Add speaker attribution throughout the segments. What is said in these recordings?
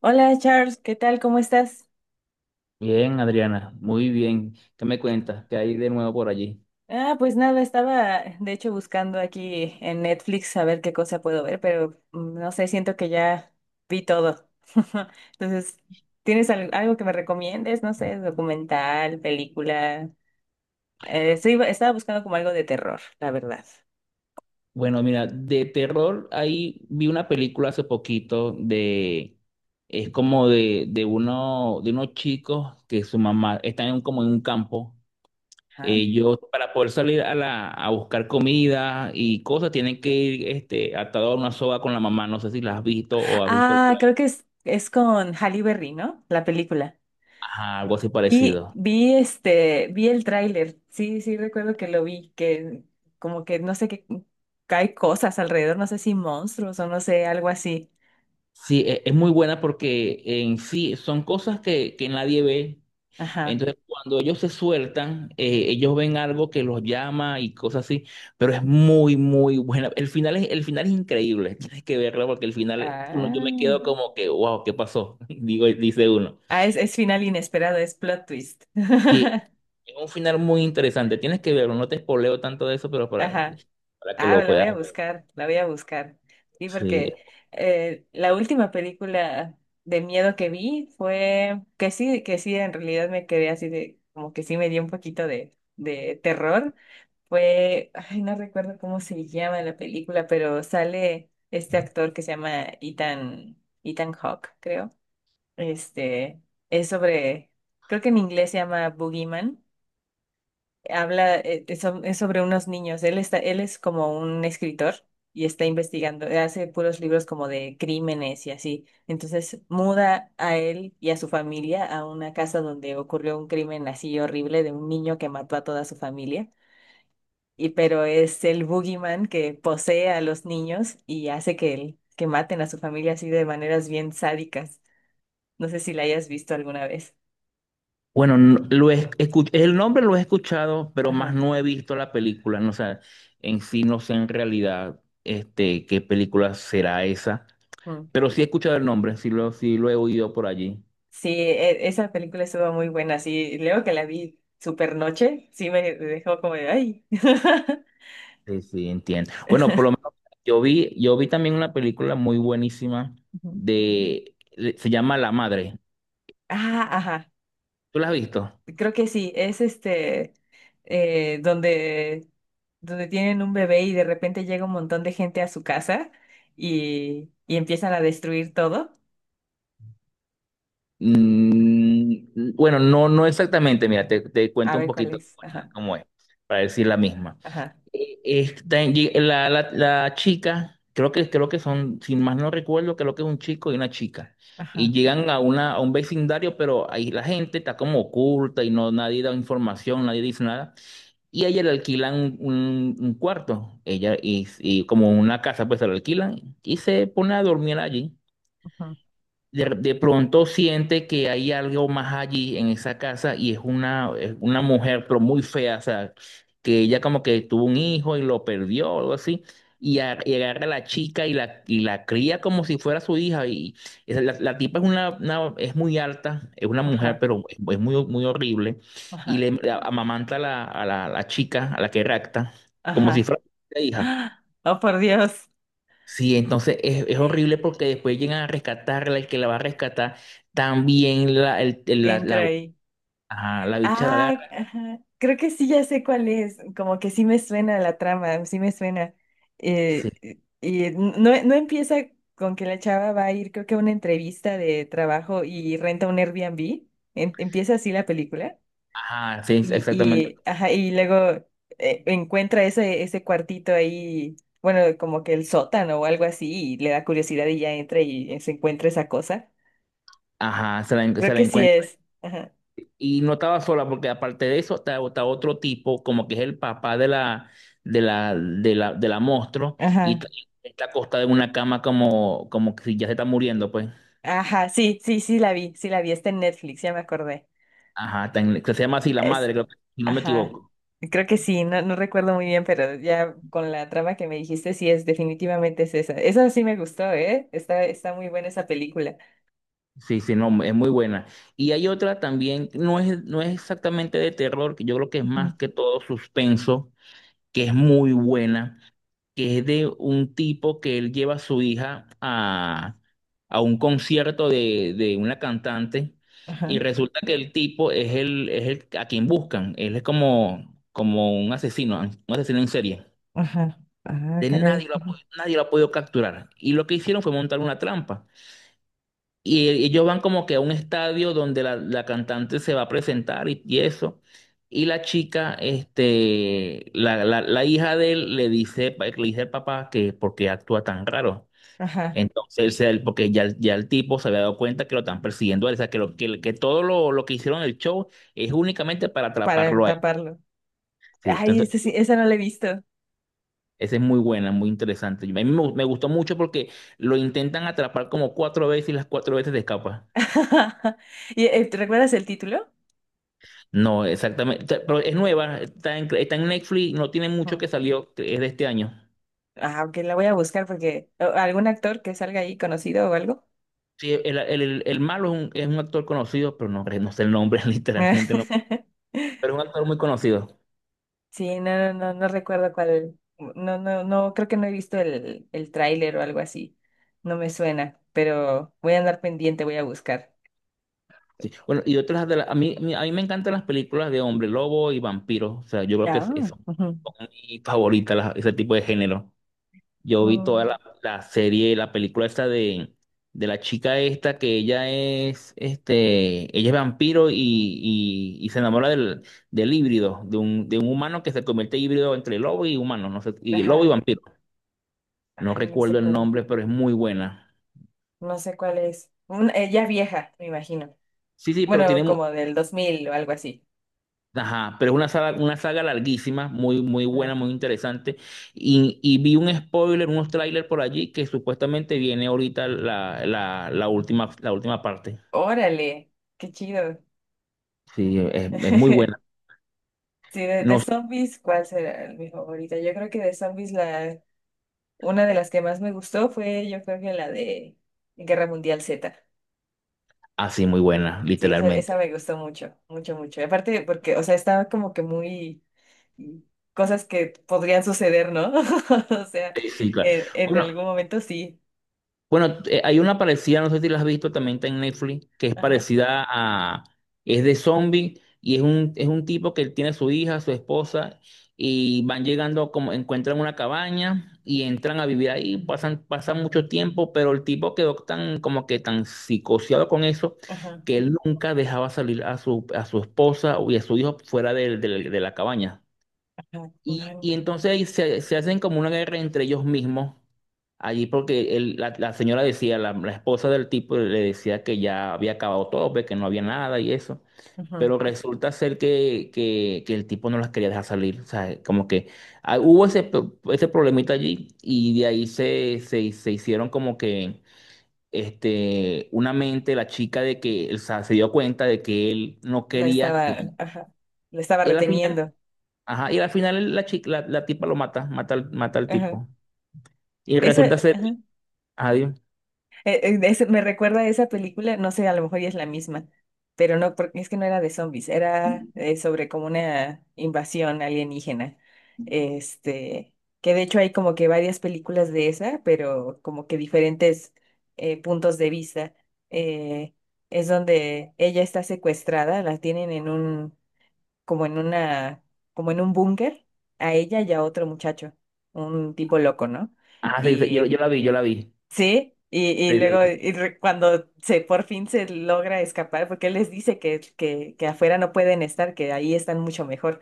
Speaker 1: Hola Charles, ¿qué tal? ¿Cómo estás?
Speaker 2: Bien, Adriana, muy bien. ¿Qué me cuentas? ¿Qué hay de nuevo por allí?
Speaker 1: Ah, pues nada, estaba de hecho buscando aquí en Netflix a ver qué cosa puedo ver, pero no sé, siento que ya vi todo. Entonces, ¿tienes algo que me recomiendes? No sé, documental, película. Estaba buscando como algo de terror, la verdad.
Speaker 2: Bueno, mira, de terror ahí vi una película hace poquito es como de uno, de unos chicos que su mamá está en como en un campo.
Speaker 1: Ajá.
Speaker 2: Ellos para poder salir a a buscar comida y cosas tienen que ir este, atados a una soga con la mamá. No sé si la has visto o has visto el
Speaker 1: Ah, creo
Speaker 2: trailer.
Speaker 1: que es con Halle Berry, ¿no? La película.
Speaker 2: Ajá, algo así
Speaker 1: Vi,
Speaker 2: parecido.
Speaker 1: vi este, vi el tráiler. Sí, sí, recuerdo que lo vi, que como que no sé qué hay cosas alrededor, no sé si monstruos o no sé, algo así.
Speaker 2: Sí, es muy buena porque en sí son cosas que nadie ve.
Speaker 1: Ajá.
Speaker 2: Entonces, cuando ellos se sueltan, ellos ven algo que los llama y cosas así, pero es muy, muy buena. El final es increíble, tienes que verla porque el final, uno, yo me
Speaker 1: Ah,
Speaker 2: quedo como que, wow, ¿qué pasó? Digo, dice uno.
Speaker 1: ah es final inesperado, es plot twist.
Speaker 2: Sí, es un final muy interesante, tienes que verlo, no te spoileo tanto de eso, pero
Speaker 1: Ajá.
Speaker 2: para que
Speaker 1: Ah,
Speaker 2: lo
Speaker 1: la voy
Speaker 2: puedas
Speaker 1: a
Speaker 2: ver.
Speaker 1: buscar, la voy a buscar. Sí,
Speaker 2: Sí.
Speaker 1: porque la última película de miedo que vi fue que sí, en realidad me quedé así de, como que sí me dio un poquito de terror. Fue, ay, no recuerdo cómo se llama la película, pero sale este actor que se llama Ethan Hawke, creo. Este, es sobre, creo que en inglés se llama Boogeyman. Habla, es, es sobre unos niños. Él está, él es como un escritor y está investigando, hace puros libros como de crímenes y así. Entonces muda a él y a su familia a una casa donde ocurrió un crimen así horrible de un niño que mató a toda su familia y pero es el boogeyman que posee a los niños y hace que, que maten a su familia así de maneras bien sádicas. No sé si la hayas visto alguna vez.
Speaker 2: Bueno, lo he el nombre lo he escuchado, pero más
Speaker 1: Ajá.
Speaker 2: no he visto la película, no, o sea, en sí no sé en realidad este, qué película será esa.
Speaker 1: Mm.
Speaker 2: Pero sí he escuchado el nombre, sí lo he oído por allí.
Speaker 1: Sí, esa película estuvo muy buena. Sí, luego que la vi super noche, sí me dejó como de ay.
Speaker 2: Sí, sí, entiendo. Bueno, por lo menos yo vi también una película muy buenísima
Speaker 1: Ujú.
Speaker 2: de, se llama La Madre.
Speaker 1: Ah, ajá.
Speaker 2: ¿Tú la has visto?
Speaker 1: Creo que sí. Es este donde donde tienen un bebé y de repente llega un montón de gente a su casa y empiezan a destruir todo.
Speaker 2: Mm, mm, bueno, no, no exactamente. Mira, te
Speaker 1: A
Speaker 2: cuento un
Speaker 1: ver cuál
Speaker 2: poquito
Speaker 1: es. Ajá,
Speaker 2: cómo es, para decir la misma.
Speaker 1: ajá,
Speaker 2: La chica, creo que son, sin más no recuerdo, creo que es un chico y una chica. Y
Speaker 1: ajá,
Speaker 2: llegan a, una, a un vecindario, pero ahí la gente está como oculta y no nadie da información, nadie dice nada. Y a ella le alquilan un cuarto, ella y como una casa, pues se la alquilan y se pone a dormir allí
Speaker 1: ajá,
Speaker 2: de pronto siente que hay algo más allí en esa casa y es una mujer, pero muy fea, o sea, que ella como que tuvo un hijo y lo perdió o algo así, y, y agarra a la chica y y la cría como si fuera su hija. Y la tipa es, una, es muy alta, es una mujer,
Speaker 1: ajá,
Speaker 2: pero es muy, muy horrible, y
Speaker 1: ajá.
Speaker 2: le amamanta a a la chica, a la que rapta, como si
Speaker 1: Ajá.
Speaker 2: fuera su hija.
Speaker 1: Oh, por Dios,
Speaker 2: Sí, entonces es horrible porque después llegan a rescatarla, el que la va a rescatar, también
Speaker 1: entra
Speaker 2: la,
Speaker 1: ahí.
Speaker 2: ajá, la bicha la
Speaker 1: Ah,
Speaker 2: agarra.
Speaker 1: ajá. Creo que sí, ya sé cuál es. Como que sí me suena la trama, sí me suena.
Speaker 2: Sí,
Speaker 1: Y no, no empieza con que la chava va a ir, creo que a una entrevista de trabajo y renta un Airbnb. ¿Empieza así la película?
Speaker 2: ajá, sí, exactamente.
Speaker 1: Y, ajá, y luego encuentra ese cuartito ahí, bueno, como que el sótano o algo así, y le da curiosidad y ya entra y se encuentra esa cosa.
Speaker 2: Ajá,
Speaker 1: Creo
Speaker 2: se la
Speaker 1: que sí
Speaker 2: encuentra.
Speaker 1: es. Ajá.
Speaker 2: Y no estaba sola porque aparte de eso está otro tipo, como que es el papá de de la monstruo, y
Speaker 1: Ajá.
Speaker 2: está acostada en una cama como, como que si ya se está muriendo, pues.
Speaker 1: Ajá, sí, sí, sí la vi, está en Netflix, ya me acordé.
Speaker 2: Ajá, que se llama así la
Speaker 1: Es
Speaker 2: madre, creo que, si no me
Speaker 1: ajá,
Speaker 2: equivoco.
Speaker 1: creo que sí, no, no recuerdo muy bien, pero ya con la trama que me dijiste, sí es, definitivamente es esa. Esa sí me gustó, ¿eh? Está, está muy buena esa película.
Speaker 2: Sí, sí, no, es muy buena. Y hay otra también, no es exactamente de terror, que yo creo que es
Speaker 1: Ujú.
Speaker 2: más que todo suspenso, que es muy buena, que es de un tipo que él lleva a su hija a un concierto de una cantante y
Speaker 1: Ajá.
Speaker 2: resulta que el tipo es el a quien buscan, él es como, como un asesino en serie.
Speaker 1: Ajá. Ah,
Speaker 2: De Nadie
Speaker 1: caray.
Speaker 2: lo ha pod- Nadie lo ha podido capturar. Y lo que hicieron fue montar una trampa. Y ellos van como que a un estadio donde la cantante se va a presentar y eso. Y la chica, este, la hija de él le dice, le dice al papá que por qué actúa tan raro.
Speaker 1: Ajá.
Speaker 2: Entonces, él, porque ya el tipo se había dado cuenta que lo están persiguiendo a él, o sea, que todo lo que hicieron en el show es únicamente para
Speaker 1: Para
Speaker 2: atraparlo a él.
Speaker 1: taparlo.
Speaker 2: Sí,
Speaker 1: Ay,
Speaker 2: entonces,
Speaker 1: esa sí, esa no la he visto.
Speaker 2: esa es muy buena, muy interesante. A mí me gustó mucho porque lo intentan atrapar como cuatro veces y las cuatro veces se escapa.
Speaker 1: ¿Y, ¿te recuerdas el título?
Speaker 2: No, exactamente. Pero es nueva, está en Netflix, no tiene mucho
Speaker 1: No.
Speaker 2: que salió, que es de este año.
Speaker 1: Ah, aunque la voy a buscar porque algún actor que salga ahí conocido o algo.
Speaker 2: Sí, el malo es un actor conocido, pero no, no sé el nombre, literalmente no. Pero es un actor muy conocido.
Speaker 1: Sí, no, no, no, no recuerdo cuál. No, no, no, creo que no he visto el tráiler o algo así. No me suena, pero voy a andar pendiente, voy a buscar.
Speaker 2: Sí. Bueno, y otras de las. A mí me encantan las películas de hombre lobo y vampiro. O sea, yo creo que es
Speaker 1: Ah,
Speaker 2: son
Speaker 1: ujú.
Speaker 2: mi favorita, ese tipo de género. Yo vi toda
Speaker 1: Mm,
Speaker 2: la serie, la película esta de la chica esta, que ella es, este, ella es vampiro y se enamora del híbrido, de un humano que se convierte en híbrido entre lobo y humano, no sé, y lobo y
Speaker 1: ajá.
Speaker 2: vampiro. No
Speaker 1: Ay, no sé
Speaker 2: recuerdo el
Speaker 1: cuál.
Speaker 2: nombre, pero es muy buena.
Speaker 1: No sé cuál es. Ya vieja, me imagino.
Speaker 2: Sí, sí, pero tiene
Speaker 1: Bueno, como del 2000 o algo así.
Speaker 2: Ajá, pero es una saga larguísima, muy, muy
Speaker 1: Ah,
Speaker 2: buena, muy interesante. Y vi un spoiler, unos trailers por allí que supuestamente viene ahorita la última parte.
Speaker 1: órale, qué chido.
Speaker 2: Sí, es muy buena.
Speaker 1: Sí, de
Speaker 2: No, sé,
Speaker 1: zombies, ¿cuál será mi favorita? Yo creo que de zombies la, una de las que más me gustó fue, yo creo que la de Guerra Mundial Z.
Speaker 2: así muy buena,
Speaker 1: Sí, esa
Speaker 2: literalmente.
Speaker 1: me gustó mucho, mucho, mucho. Y aparte porque, o sea, estaba como que muy mm, cosas que podrían suceder, ¿no? O sea,
Speaker 2: Sí, sí, claro.
Speaker 1: en
Speaker 2: Bueno,
Speaker 1: algún momento sí.
Speaker 2: bueno, hay una parecida, no sé si la has visto, también está en Netflix, que es
Speaker 1: Ajá,
Speaker 2: parecida a, es de zombie y es un tipo que tiene su hija, su esposa y van llegando como encuentran una cabaña y entran a vivir ahí, pasan, pasan mucho tiempo, pero el tipo quedó tan como que tan psicoseado con eso
Speaker 1: ajá,
Speaker 2: que él nunca dejaba salir a a su esposa y a su hijo fuera de la cabaña.
Speaker 1: ajá, claro,
Speaker 2: Y entonces ahí se hacen como una guerra entre ellos mismos, allí porque la señora decía, la esposa del tipo le decía que ya había acabado todo, pues, que no había nada y eso,
Speaker 1: ajá.
Speaker 2: pero resulta ser que el tipo no las quería dejar salir, o sea, como que ah, hubo ese, ese problemita allí y de ahí se hicieron como que este, una mente, la chica de que, o sea, se dio cuenta de que él no
Speaker 1: La
Speaker 2: quería
Speaker 1: estaba,
Speaker 2: que...
Speaker 1: ajá, la estaba
Speaker 2: Y al final
Speaker 1: reteniendo.
Speaker 2: ajá, y al final la chica, la tipa lo mata, mata al
Speaker 1: Ajá.
Speaker 2: tipo. Y
Speaker 1: Esa,
Speaker 2: resulta ser,
Speaker 1: ajá.
Speaker 2: adiós.
Speaker 1: Me recuerda a esa película, no sé, a lo mejor ya es la misma, pero no, porque es que no era de zombies, era sobre como una invasión alienígena. Este, que de hecho hay como que varias películas de esa, pero como que diferentes puntos de vista. Eh, es donde ella está secuestrada, la tienen en un, como en una, como en un búnker, a ella y a otro muchacho, un tipo loco, ¿no?
Speaker 2: Ah, sí, yo la vi, yo la vi.
Speaker 1: Sí, y
Speaker 2: Sí,
Speaker 1: luego
Speaker 2: sí,
Speaker 1: y cuando se por fin se logra escapar, porque él les dice que afuera no pueden estar, que ahí están mucho mejor.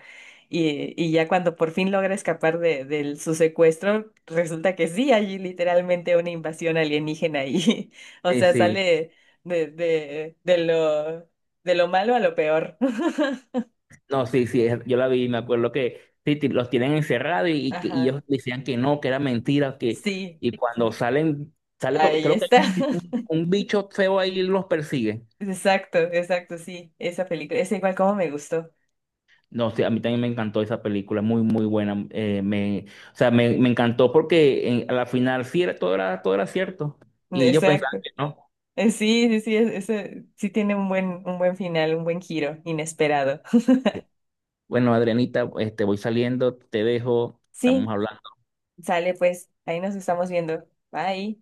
Speaker 1: Y ya cuando por fin logra escapar de su secuestro, resulta que sí, hay literalmente una invasión alienígena ahí o
Speaker 2: sí,
Speaker 1: sea,
Speaker 2: sí.
Speaker 1: sale de, de, de lo, de lo malo a lo peor.
Speaker 2: No, sí, sí, yo la vi, me acuerdo que sí, los tienen encerrados y y
Speaker 1: Ajá,
Speaker 2: ellos decían que no, que era mentira, que,
Speaker 1: sí,
Speaker 2: y cuando
Speaker 1: sí,
Speaker 2: salen, sale,
Speaker 1: ahí
Speaker 2: creo que hay
Speaker 1: está.
Speaker 2: un bicho feo ahí y los persigue.
Speaker 1: Exacto, exacto, sí, esa película, es igual como me gustó.
Speaker 2: No, sí, a mí también me encantó esa película, muy, muy buena. O sea, me encantó porque a la final sí era, todo era, todo era cierto. Y yo pensaba
Speaker 1: Exacto.
Speaker 2: que no.
Speaker 1: Sí, sí, sí, ese sí tiene un buen final, un buen giro inesperado.
Speaker 2: Bueno, Adrianita, este, voy saliendo, te dejo, estamos
Speaker 1: Sí,
Speaker 2: hablando.
Speaker 1: sale pues, ahí nos estamos viendo. Bye.